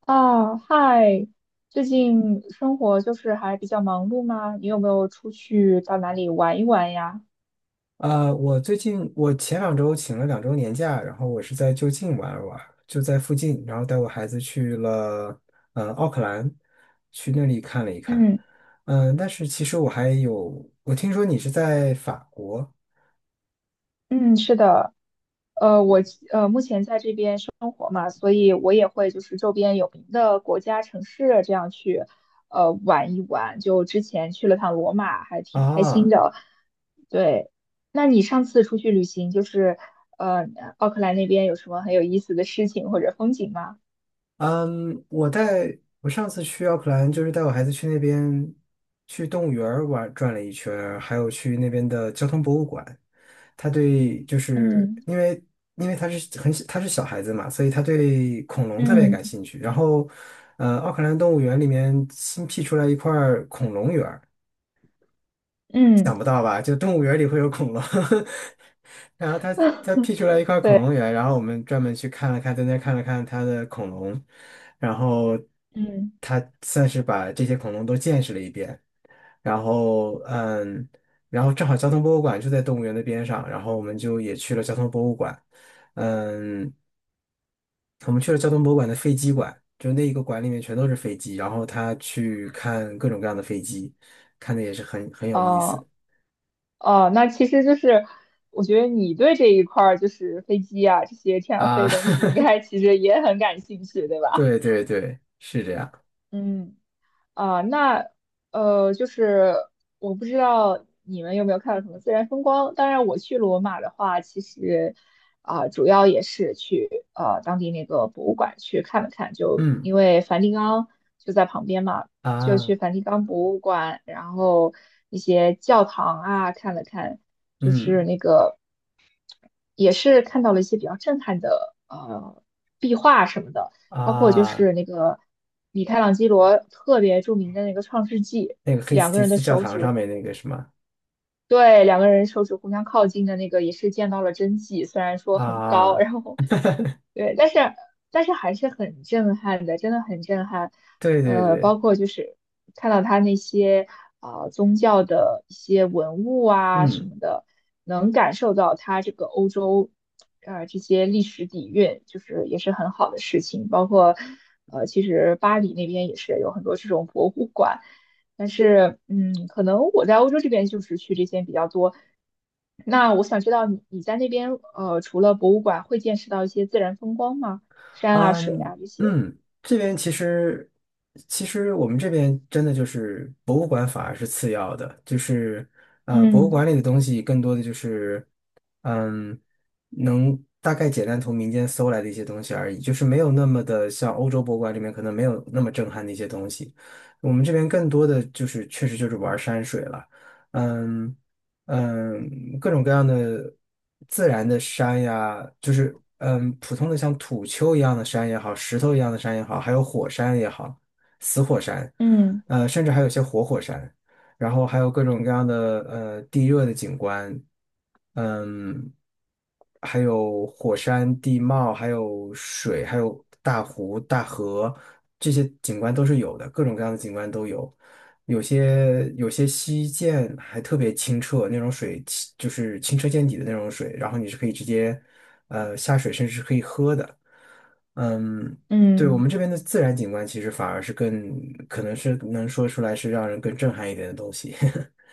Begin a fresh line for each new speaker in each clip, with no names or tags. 啊，嗨，最近生活就是还比较忙碌吗？你有没有出去到哪里玩一玩呀？
呃，我最近我前两周请了两周年假，然后我是在就近玩了玩，就在附近，然后带我孩子去了奥克兰，去那里看了一看。
嗯
但是其实我还有，我听说你是在法国
嗯，是的，呃，我目前在这边生活嘛，所以我也会就是周边有名的国家、城市这样去玩一玩。就之前去了趟罗马，还挺开心
啊，
的。对，那你上次出去旅行，就是呃奥克兰那边有什么很有意思的事情或者风景吗？
嗯，我带我上次去奥克兰，就是带我孩子去那边去动物园儿玩转了一圈儿还有去那边的交通博物馆。就是
嗯
因为他是小孩子嘛，所以他对恐龙特别
嗯。
感兴趣。然后，奥克兰动物园里面新辟出来一块儿恐龙园。
嗯
想不到吧？就动物园里会有恐龙，然后他 他辟出来一块恐
对，
龙园，然后我们专门去看了看，在那看了看他的恐龙，然后
嗯。
他算是把这些恐龙都见识了一遍。然后嗯，然后正好交通博物馆就在动物园的边上，然后我们就也去了交通博物馆，嗯，我们去了交通博物馆的飞机馆，就那一个馆里面全都是飞机，然后他去看各种各样的飞机，看的也是很有意思
哦哦，那其实就是，我觉得你对这一块儿就是飞机啊这些天上飞
啊。
的东西，应 该其实也很感兴趣，对吧？
对对对，是这样。
嗯。啊、那就是我不知道你们有没有看到什么自然风光。当然，我去罗马的话，其实啊、主要也是去当地那个博物馆去看了看，就
嗯
因为梵蒂冈就在旁边嘛，就去
啊，
梵蒂冈博物馆，然后一些教堂啊看了看，就是
嗯
那个。也是看到了一些比较震撼的壁画什么的，包括就
啊，
是那个米开朗基罗特别著名的那个《创世纪》，
那个黑斯
两个
提
人的
斯教
手
堂
指
上面那个什么
对，两个人手指互相靠近的那个也是见到了真迹，虽然说很高，
啊，
然后对，但是还是很震撼的，真的很震撼。
对对
呃，
对，
包括就是看到他那些啊、宗教的一些文物啊什
嗯。
么的，能感受到他这个欧洲啊这些历史底蕴，就是也是很好的事情。包括呃，其实巴黎那边也是有很多这种博物馆。但是，嗯，可能我在欧洲这边就是去这些比较多。那我想知道你在那边，呃，除了博物馆，会见识到一些自然风光吗？山啊、水啊这些。
嗯，这边其实我们这边真的就是博物馆反而是次要的，就是博物馆里
嗯
的东西更多的就是嗯能大概简单从民间搜来的一些东西而已，就是没有那么的像欧洲博物馆里面可能没有那么震撼的一些东西，我们这边更多的就是确实就是玩山水了，嗯。各种各样的自然的山呀，就是普通的像土丘一样的山也好，石头一样的山也好，还有火山也好，死火山，
嗯
甚至还有些活火山，然后还有各种各样的地热的景观，嗯，还有火山地貌，还有水，还有大湖、大河，这些景观都是有的，各种各样的景观都有。有些溪涧还特别清澈，那种水清就是清澈见底的那种水，然后你是可以直接下水，甚至是可以喝的。嗯，对，我们
嗯。
这边的自然景观其实反而是更可能是能说出来是让人更震撼一点的东西。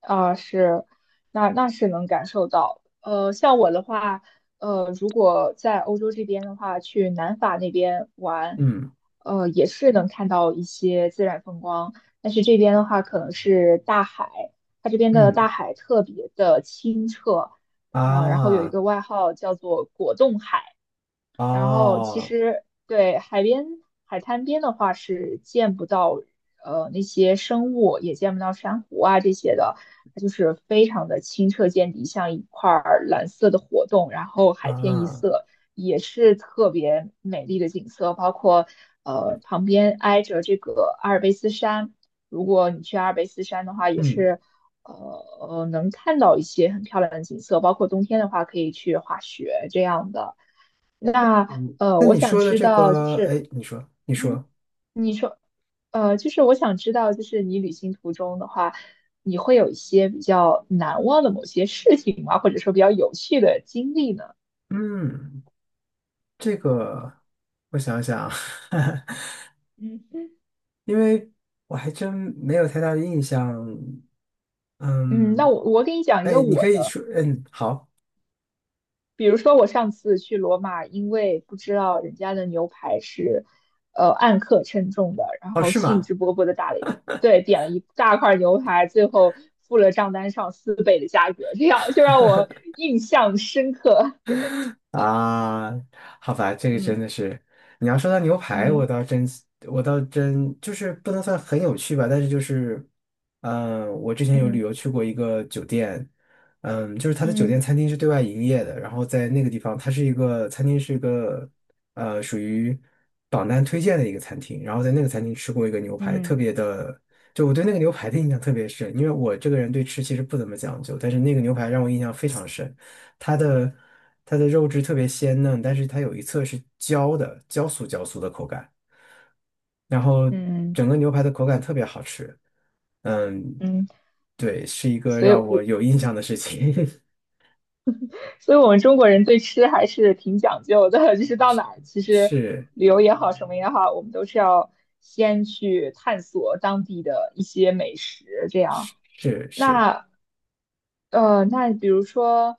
啊，是，那那是能感受到。呃，像我的话，呃，如果在欧洲这边的话，去南法那边玩，
嗯
呃，也是能看到一些自然风光。但是这边的话，可能是大海，它这边的大
嗯
海特别的清澈，呃，然后有一
啊
个外号叫做果冻海。然后其
哦
实对海边海滩边的话是见不到那些生物，也见不到珊瑚啊这些的，它就是非常的清澈见底，像一块儿蓝色的活动，然后海天一
啊
色，也是特别美丽的景色。包括旁边挨着这个阿尔卑斯山，如果你去阿尔卑斯山的话，也
嗯
是呃能看到一些很漂亮的景色，包括冬天的话可以去滑雪这样的。那
嗯，
呃，
那
我
你
想
说的
知
这
道，就
个，
是，
哎，你说你说，
嗯，你说，呃，就是我想知道，就是你旅行途中的话，你会有一些比较难忘的某些事情吗？或者说比较有趣的经历呢？
嗯，这个我想想啊。
嗯
因为我还真没有太大的印象。
嗯，那
嗯，
我给你讲一个
哎，你
我
可以
的，
说，嗯，好，
比如说我上次去罗马，因为不知道人家的牛排是按克称重的，然
哦，
后
是
兴
吗？
致勃勃的打了，对，点了一大块牛排，最后付了账单上四倍的价格，这样就让我印象深刻。对，
啊，好吧，这个真
嗯
的是，你要说到牛排，我
嗯
倒真，我倒真就是不能算很有趣吧，但是就是，我之前有旅
嗯
游去过一个酒店，就是它的酒店
嗯
餐厅是对外营业的，然后在那个地方，它是一个餐厅是一个，属于榜单推荐的一个餐厅，然后在那个餐厅吃过一个牛排，特
嗯
别的，就我对那个牛排的印象特别深，因为我这个人对吃其实不怎么讲究，但是那个牛排让我印象非常深。它的它的肉质特别鲜嫩，但是它有一侧是焦的，焦酥焦酥的口感。然后
嗯
整个牛排的口感特别好吃，嗯，
嗯，
对，是一个
所以
让我
我
有印象的事情，
所以我们中国人对吃还是挺讲究的，就是到哪儿，其实
是
旅游也好，什么也好，我们都是要先去探索当地的一些美食，这样。
是是。
那呃，那比如说，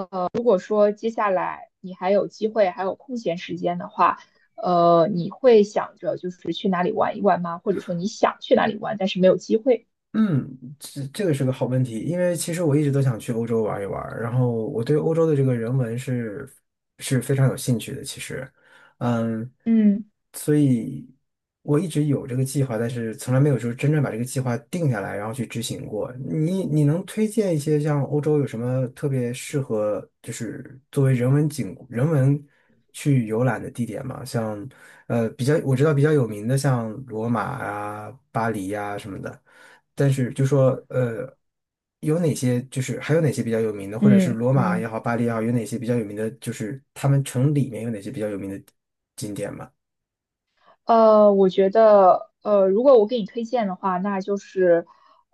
呃，如果说接下来你还有机会，还有空闲时间的话，呃，你会想着就是去哪里玩一玩吗？或者说你想去哪里玩，但是没有机会？
嗯，这个是个好问题，因为其实我一直都想去欧洲玩一玩，然后我对欧洲的这个人文是非常有兴趣的，其实，嗯，
嗯
所以我一直有这个计划，但是从来没有说真正把这个计划定下来，然后去执行过。你能推荐一些像欧洲有什么特别适合，就是作为人文去游览的地点吗？像呃比较我知道比较有名的像罗马啊、巴黎呀、什么的。但是就说有哪些就是还有哪些比较有名的，或者是
嗯
罗马也
嗯。
好，巴黎也好，有哪些比较有名的，就是他们城里面有哪些比较有名的景点吗？
呃，我觉得，呃，如果我给你推荐的话，那就是，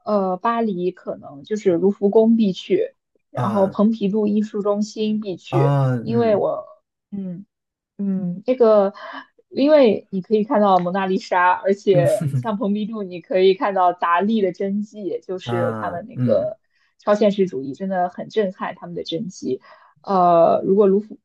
呃，巴黎可能就是卢浮宫必去，然后
啊
蓬皮杜艺术中心必去，
啊
因为
嗯
我，嗯。嗯，这个，因为你可以看到蒙娜丽莎，而且像蓬皮杜，你可以看到达利的真迹，就是他
啊
们那
嗯
个超现实主义真的很震撼，他们的真迹。呃，如果卢浮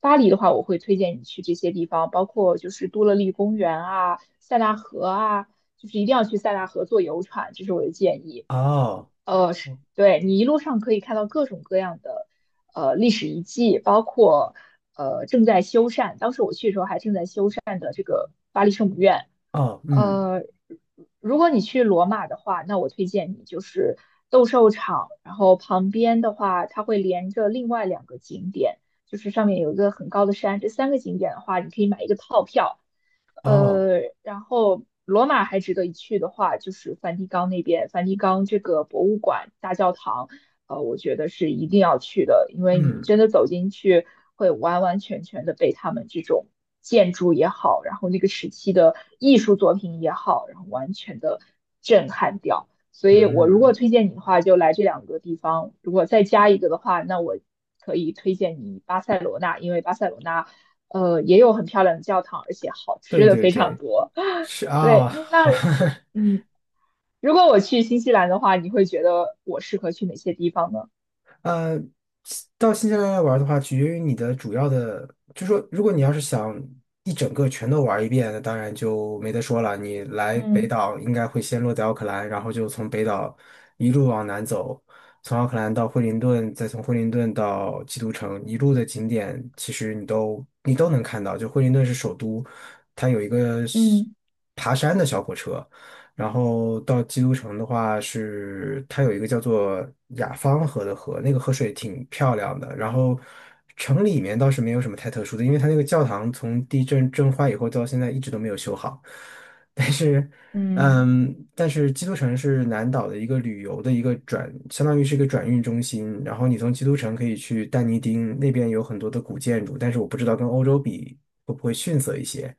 巴黎的话，我会推荐你去这些地方，包括就是多乐丽公园啊、塞纳河啊，就是一定要去塞纳河坐游船，这是我的建议。
哦
呃，是对你一路上可以看到各种各样的历史遗迹，包括呃正在修缮，当时我去的时候还正在修缮的这个巴黎圣母院。
哦嗯
呃，如果你去罗马的话，那我推荐你就是斗兽场，然后旁边的话，它会连着另外两个景点，就是上面有一个很高的山，这三个景点的话，你可以买一个套票，
哦
呃，然后罗马还值得一去的话，就是梵蒂冈那边，梵蒂冈这个博物馆、大教堂，呃，我觉得是一定要去的，因为你
嗯
真的走进去，会完完全全的被他们这种建筑也好，然后那个时期的艺术作品也好，然后完全的震撼掉。所以我如果
嗯，
推荐你的话，就来这两个地方；如果再加一个的话，那我可以推荐你巴塞罗那，因为巴塞罗那。呃，也有很漂亮的教堂，而且好吃
对
的
对
非常
对，
多。
是
对，
啊，
那 嗯，如果我去新西兰的话，你会觉得我适合去哪些地方呢？
呃，到新西兰来玩的话，取决于你的主要的，就说如果你要是想一整个全都玩一遍，那当然就没得说了。你来北
嗯
岛应该会先落在奥克兰，然后就从北岛一路往南走，从奥克兰到惠灵顿，再从惠灵顿到基督城，一路的景点其实你都能看到。就惠灵顿是首都，它有一个是
嗯
爬山的小火车，然后到基督城的话是，它有一个叫做雅芳河的河，那个河水挺漂亮的。然后城里面倒是没有什么太特殊的，因为它那个教堂从地震震坏以后到现在一直都没有修好。但是，
嗯
但是基督城是南岛的一个旅游的一个转，相当于是一个转运中心。然后你从基督城可以去但尼丁那边有很多的古建筑，但是我不知道跟欧洲比会不会逊色一些。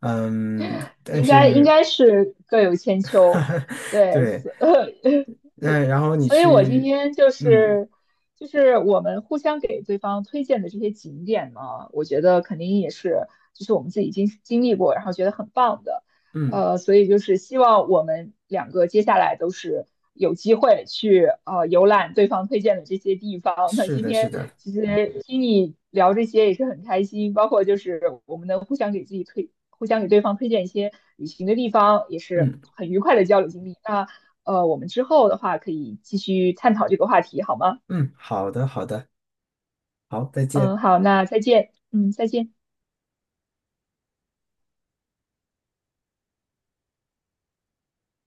嗯，但
应该应
是
该是各有千秋。对，
对。
是
嗯，然后你
所以我今
去，
天就
嗯
是就是我们互相给对方推荐的这些景点呢，我觉得肯定也是就是我们自己经历过，然后觉得很棒的，
嗯，
呃，所以就是希望我们两个接下来都是有机会去游览对方推荐的这些地方。那
是
今
的，是
天
的，
其实听你聊这些也是很开心，包括就是我们能互相给自己推，互相给对方推荐一些旅行的地方，也是
嗯
很愉快的交流经历。那呃，我们之后的话可以继续探讨这个话题，好吗？
嗯，好的，好的，好，再
嗯，
见。
好，那再见。嗯，再见。